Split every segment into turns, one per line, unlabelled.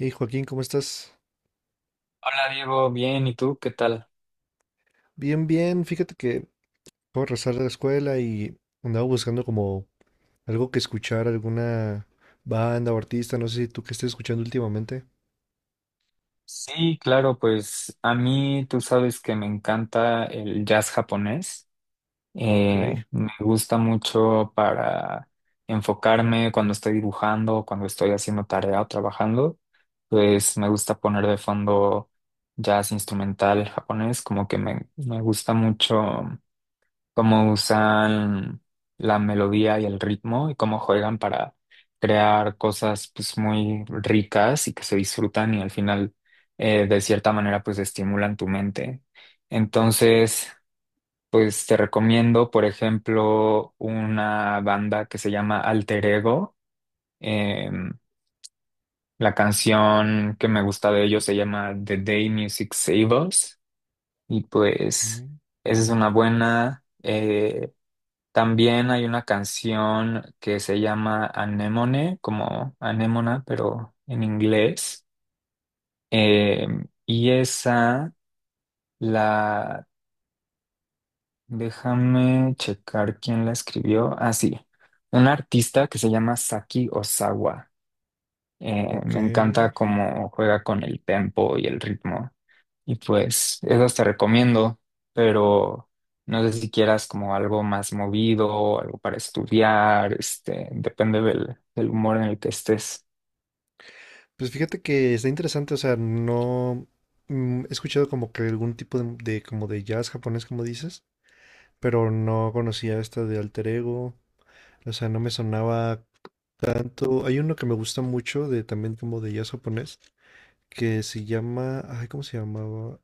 Hey Joaquín, ¿cómo estás?
Hola Diego, bien, ¿y tú qué tal?
Bien, bien. Fíjate que acabo de regresar de la escuela y andaba buscando como algo que escuchar, alguna banda o artista, no sé si tú qué estés escuchando últimamente.
Sí, claro, pues a mí tú sabes que me encanta el jazz japonés.
Ok,
Me gusta mucho para enfocarme cuando estoy dibujando, cuando estoy haciendo tarea o trabajando. Pues me gusta poner de fondo jazz instrumental japonés, como que me gusta mucho cómo usan la melodía y el ritmo y cómo juegan para crear cosas pues muy ricas y que se disfrutan y al final de cierta manera pues estimulan tu mente. Entonces, pues te recomiendo, por ejemplo, una banda que se llama Alter Ego. Em, la canción que me gusta de ellos se llama The Day Music Save Us, y pues
mm,
esa es una buena. También hay una canción que se llama Anemone, como anémona, pero en inglés. Eh, y esa la, déjame checar quién la escribió. Ah, sí, un artista que se llama Saki Osawa.
ok.
Me encanta cómo juega con el tempo y el ritmo. Y pues esas te recomiendo, pero no sé si quieras como algo más movido, algo para estudiar, este, depende del humor en el que estés.
Pues fíjate que está interesante, o sea, no he escuchado como que algún tipo de como de jazz japonés, como dices, pero no conocía esta de Alter Ego, o sea, no me sonaba tanto. Hay uno que me gusta mucho de también como de jazz japonés, que se llama, ay, ¿cómo se llamaba?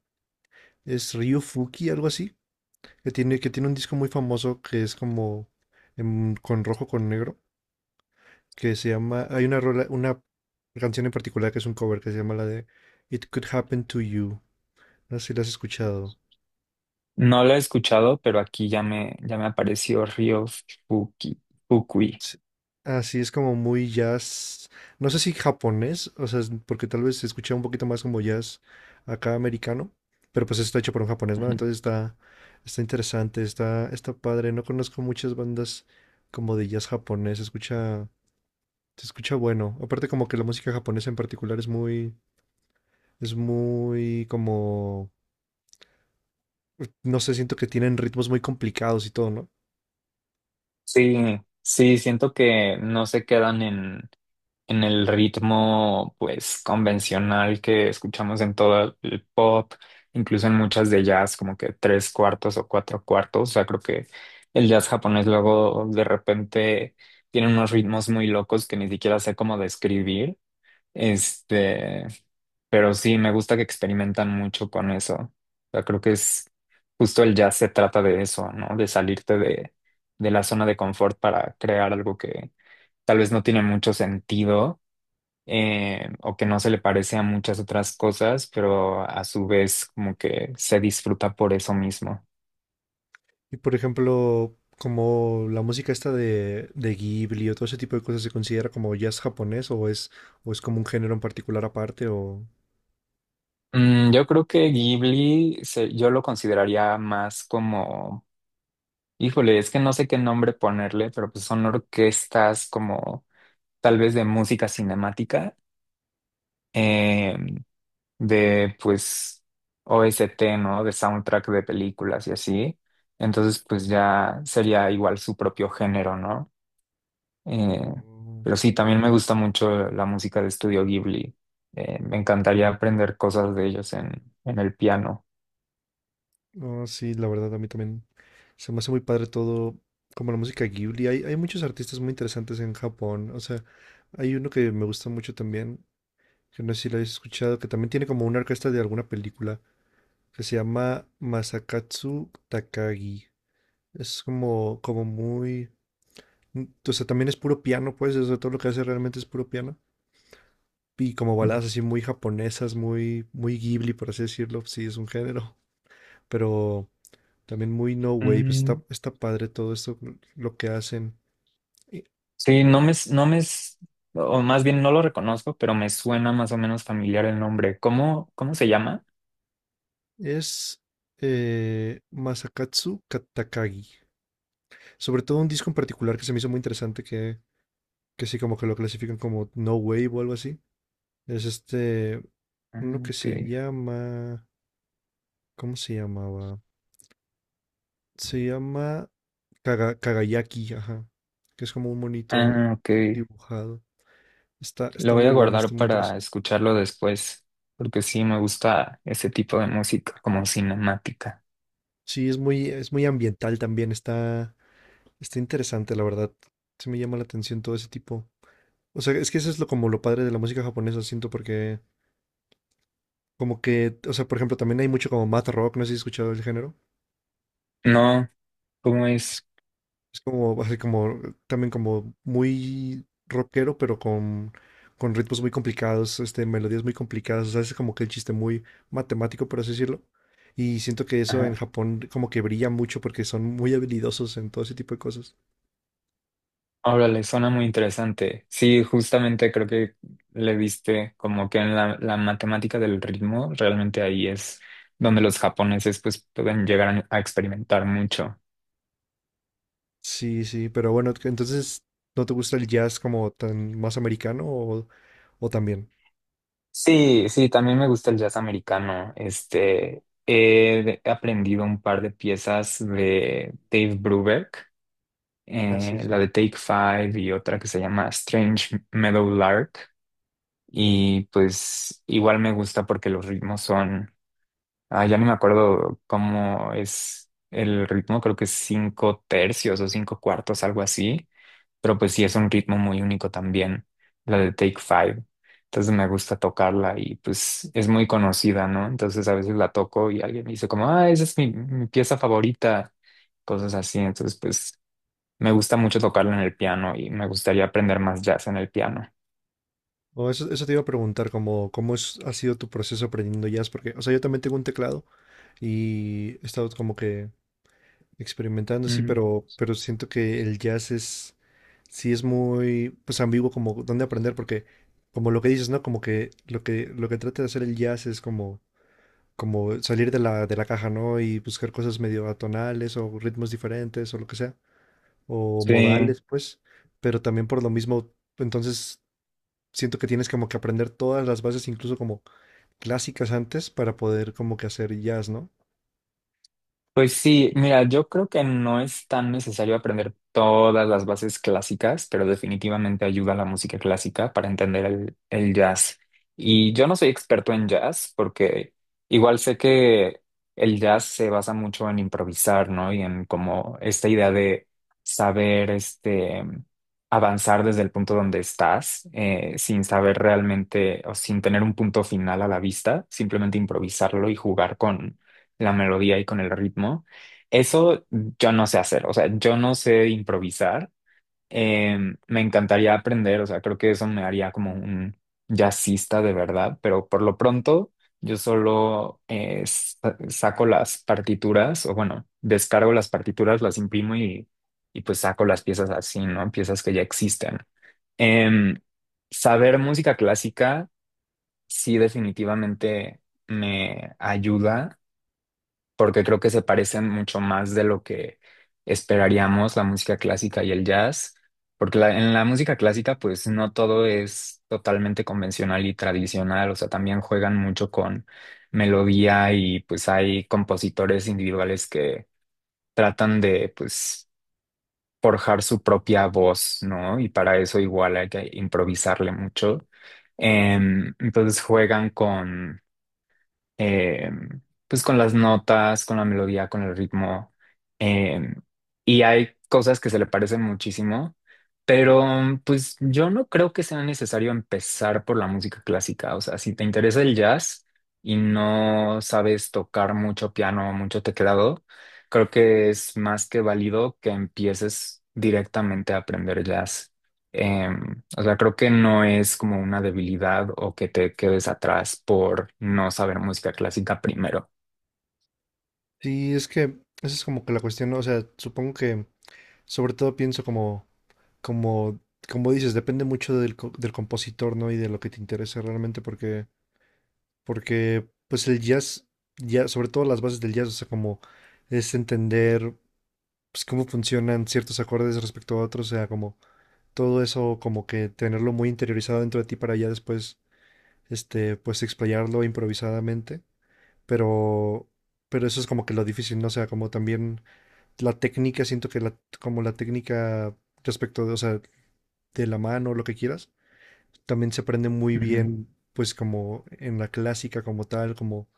Es Ryufuki, algo así, que tiene un disco muy famoso que es como con rojo con negro, que se llama, hay una rola, una canción en particular que es un cover que se llama la de It Could Happen to You. No sé si la has escuchado.
No lo he escuchado, pero aquí ya me apareció Ryo Fuki, Fukui.
Sí, así es como muy jazz, no sé si japonés, o sea, porque tal vez se escucha un poquito más como jazz acá americano, pero pues está hecho por un japonés, ¿no? Entonces está, está interesante, está, está padre. No conozco muchas bandas como de jazz japonés, se escucha bueno. Aparte como que la música japonesa en particular es muy como, no sé, siento que tienen ritmos muy complicados y todo, ¿no?
Sí, sí, siento que no se quedan en el ritmo pues convencional que escuchamos en todo el pop, incluso en muchas de jazz, como que tres cuartos o cuatro cuartos. O sea, creo que el jazz japonés luego de repente tiene unos ritmos muy locos que ni siquiera sé cómo describir. Este, pero sí, me gusta que experimentan mucho con eso. O sea, creo que es justo el jazz se trata de eso, ¿no? De salirte de la zona de confort para crear algo que tal vez no tiene mucho sentido, o que no se le parece a muchas otras cosas, pero a su vez como que se disfruta por eso mismo.
Y por ejemplo, como la música esta de Ghibli o todo ese tipo de cosas se considera como jazz japonés o es como un género en particular aparte o...
Mm, yo creo que yo lo consideraría más como, híjole, es que no sé qué nombre ponerle, pero pues son orquestas como tal vez de música cinemática, em, de pues OST, ¿no? De soundtrack de películas y así. Entonces, pues ya sería igual su propio género, ¿no? Eh,
No,
pero sí, también me gusta mucho la música de Estudio Ghibli. Me encantaría aprender cosas de ellos en el piano.
no, sí, la verdad a mí también se me hace muy padre todo, como la música Ghibli. Hay muchos artistas muy interesantes en Japón. O sea, hay uno que me gusta mucho también, que no sé si lo habéis escuchado, que también tiene como una orquesta de alguna película, que se llama Masakatsu Takagi. Es como, como muy... O sea, también es puro piano, pues, o sea, todo lo que hace realmente es puro piano. Y como baladas así muy japonesas, muy, muy Ghibli, por así decirlo, sí, es un género, pero también muy no wave, pues, está,
Mm,
está padre todo esto, lo que hacen. Y
sí, no me, s- no me, s- o más bien no lo reconozco, pero me suena más o menos familiar el nombre. ¿Cómo, cómo se llama?
es Masakatsu Katakagi. Sobre todo un disco en particular que se me hizo muy interesante, que sí, como que lo clasifican como no wave o algo así. Es este,
Ah,
uno que
ok.
se llama, ¿cómo se llamaba? Se llama Kagayaki, ajá, que es como un monito
Ah, ok.
dibujado. Está,
Lo
está
voy
muy
a
bueno,
guardar
está muy
para
interesante.
escucharlo después, porque sí me gusta ese tipo de música, como cinemática.
Sí, es muy ambiental también, está, está interesante, la verdad. Se me llama la atención todo ese tipo. O sea, es que eso es lo como lo padre de la música japonesa, siento, porque como que, o sea, por ejemplo, también hay mucho como math rock, no sé si has escuchado el género.
No, ¿cómo es?
Es como, así como, también como muy rockero, pero con ritmos muy complicados, este, melodías muy complicadas, o sea, es como que el chiste muy matemático, por así decirlo. Y siento que eso en
Ajá.
Japón como que brilla mucho porque son muy habilidosos en todo ese tipo de cosas.
Ahora le suena muy interesante. Sí, justamente creo que le viste como que en la matemática del ritmo, realmente ahí es donde los japoneses pues pueden llegar a experimentar mucho.
Sí, sí, pero bueno, que entonces, ¿no te gusta el jazz como tan más americano o también?
Sí, sí, también me gusta el jazz americano. Este, he aprendido un par de piezas de Dave Brubeck,
Ah, sí, sí.
la de Take Five y otra que se llama Strange Meadowlark. Y pues igual me gusta porque los ritmos son, ah, ya no me acuerdo cómo es el ritmo, creo que es cinco tercios o cinco cuartos, algo así, pero pues sí es un ritmo muy único también, la de Take Five. Entonces me gusta tocarla y pues es muy conocida, ¿no? Entonces a veces la toco y alguien me dice como, ah, esa es mi pieza favorita, cosas así. Entonces pues me gusta mucho tocarlo en el piano y me gustaría aprender más jazz en el piano.
O eso te iba a preguntar, como, ¿cómo ha sido tu proceso aprendiendo jazz? Porque, o sea, yo también tengo un teclado y he estado como que experimentando, sí,
Ujú.
pero siento que el jazz es, sí es muy, pues ambiguo como dónde aprender, porque como lo que dices, ¿no? Como que lo que, lo que trata de hacer el jazz es como, como salir de la caja, ¿no? Y buscar cosas medio atonales o ritmos diferentes o lo que sea, o
Sí,
modales, pues, pero también por lo mismo, entonces siento que tienes como que aprender todas las bases, incluso como clásicas antes, para poder como que hacer jazz, ¿no?
pues sí, mira, yo creo que no es tan necesario aprender todas las bases clásicas, pero definitivamente ayuda a la música clásica para entender el jazz. Y yo no soy experto en jazz, porque igual sé que el jazz se basa mucho en improvisar, ¿no? Y en como esta idea de saber, este, avanzar desde el punto donde estás, sin saber realmente o sin tener un punto final a la vista, simplemente improvisarlo y jugar la melodía y con el ritmo. Eso yo no sé hacer, o sea, yo no sé improvisar. Eh, Me encantaría aprender, o sea, creo que eso me haría como un jazzista de verdad, pero por lo pronto yo solo, saco las partituras, o bueno, descargo las partituras, las imprimo y pues saco las piezas así, ¿no? Piezas que ya existen. Em, Saber música clásica sí definitivamente me ayuda, porque creo que se parecen mucho más de lo que esperaríamos la música clásica y el jazz, porque en la música clásica pues no todo es totalmente convencional y tradicional, o sea, también juegan mucho con melodía y pues hay compositores individuales que tratan de pues forjar su propia voz, ¿no? Y para eso igual hay que improvisarle mucho. Entonces juegan con eh, pues con las notas, con la melodía, con el ritmo. eh, y hay cosas que se le parecen muchísimo, pero pues yo no creo que sea necesario empezar por la música clásica. O sea, si te interesa el jazz y no sabes tocar mucho piano, mucho teclado, creo que es más que válido que empieces directamente a aprender jazz. O sea, creo que no es como una debilidad o que te quedes atrás por no saber música clásica primero.
Sí, es que esa es como que la cuestión, ¿no? O sea, supongo que... Sobre todo pienso como, como, como dices, depende mucho del, del compositor, ¿no? Y de lo que te interese realmente, porque, porque, pues el jazz, ya, sobre todo las bases del jazz, o sea, como es entender, pues, cómo funcionan ciertos acordes respecto a otros, o sea, como todo eso, como que tenerlo muy interiorizado dentro de ti para ya después, este, pues explayarlo improvisadamente, pero, pero eso es como que lo difícil, ¿no? O sea, como también la técnica, siento que la, como la técnica respecto de, o sea, de la mano, lo que quieras. También se aprende muy
Ujú,
bien, pues como en la clásica como tal, como,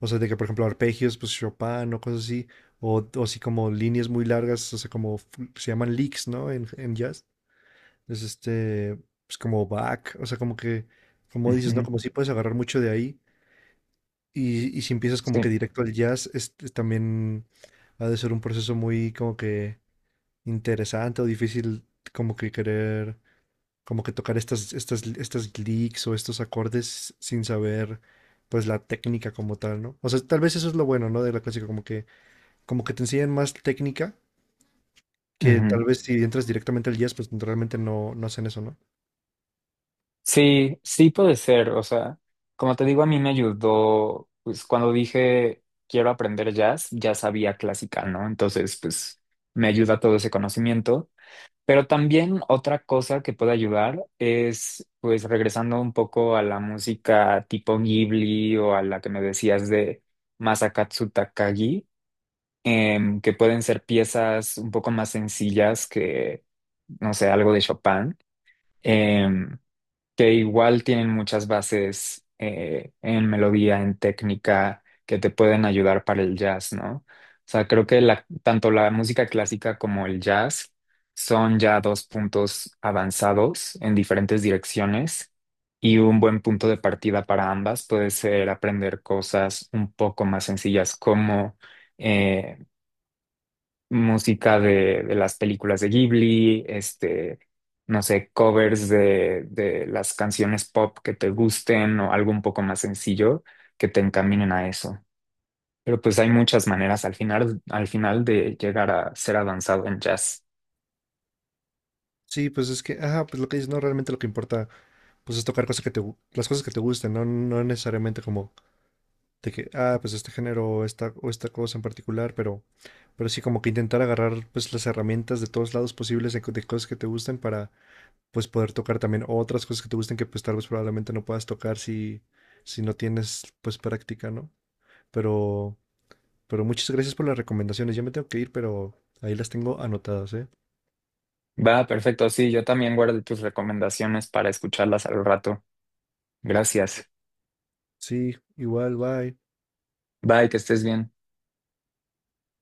o sea, de que por ejemplo arpegios, pues Chopin o cosas así, o así como líneas muy largas, o sea, como se llaman licks, ¿no? En jazz. Es este, pues como back, o sea, como que, como dices, ¿no?
ujú,
Como si puedes agarrar mucho de ahí. Y si empiezas como
sí,
que directo al jazz, es también ha de ser un proceso muy como que interesante o difícil como que querer como que tocar estas, estas, estas licks o estos acordes sin saber pues la técnica como tal, ¿no? O sea, tal vez eso es lo bueno, ¿no? De la clásica, como que te enseñan más técnica que tal
ujú.
vez si entras directamente al jazz, pues realmente no, no hacen eso, ¿no?
Sí, sí puede ser. O sea, como te digo, a mí me ayudó, pues cuando dije quiero aprender jazz, ya sabía clásica, ¿no? Entonces, pues me ayuda todo ese conocimiento. Pero también otra cosa que puede ayudar es, pues, regresando un poco a la música tipo Ghibli o a la que me decías de Masakatsu Takagi, que pueden ser piezas un poco más sencillas que, no sé, algo de Chopin. Em, que igual tienen muchas bases, en melodía, en técnica, que te pueden ayudar para el jazz, ¿no? O sea, creo que tanto la música clásica como el jazz son ya dos puntos avanzados en diferentes direcciones, y un buen punto de partida para ambas puede ser aprender cosas un poco más sencillas como... eh, música de las películas de Ghibli, este, no sé, covers de las canciones pop que te gusten, o algo un poco más sencillo que te encaminen a eso. Pero pues hay muchas maneras al final de llegar a ser avanzado en jazz.
Sí, pues es que, ajá, pues lo que dices, no, realmente lo que importa, pues es tocar cosas que te, las cosas que te gusten, ¿no? No necesariamente como de que, ah, pues este género o esta cosa en particular, pero sí como que intentar agarrar pues las herramientas de todos lados posibles de, de cosas que te gusten para pues poder tocar también otras cosas que te gusten que pues tal vez probablemente no puedas tocar si, si no tienes pues práctica, ¿no? Pero, pero muchas gracias por las recomendaciones. Ya me tengo que ir, pero ahí las tengo anotadas, ¿eh?
Va, perfecto, sí, yo también guardo tus recomendaciones para escucharlas al rato. Gracias.
Sí, igual, bye.
Bye, que estés bien.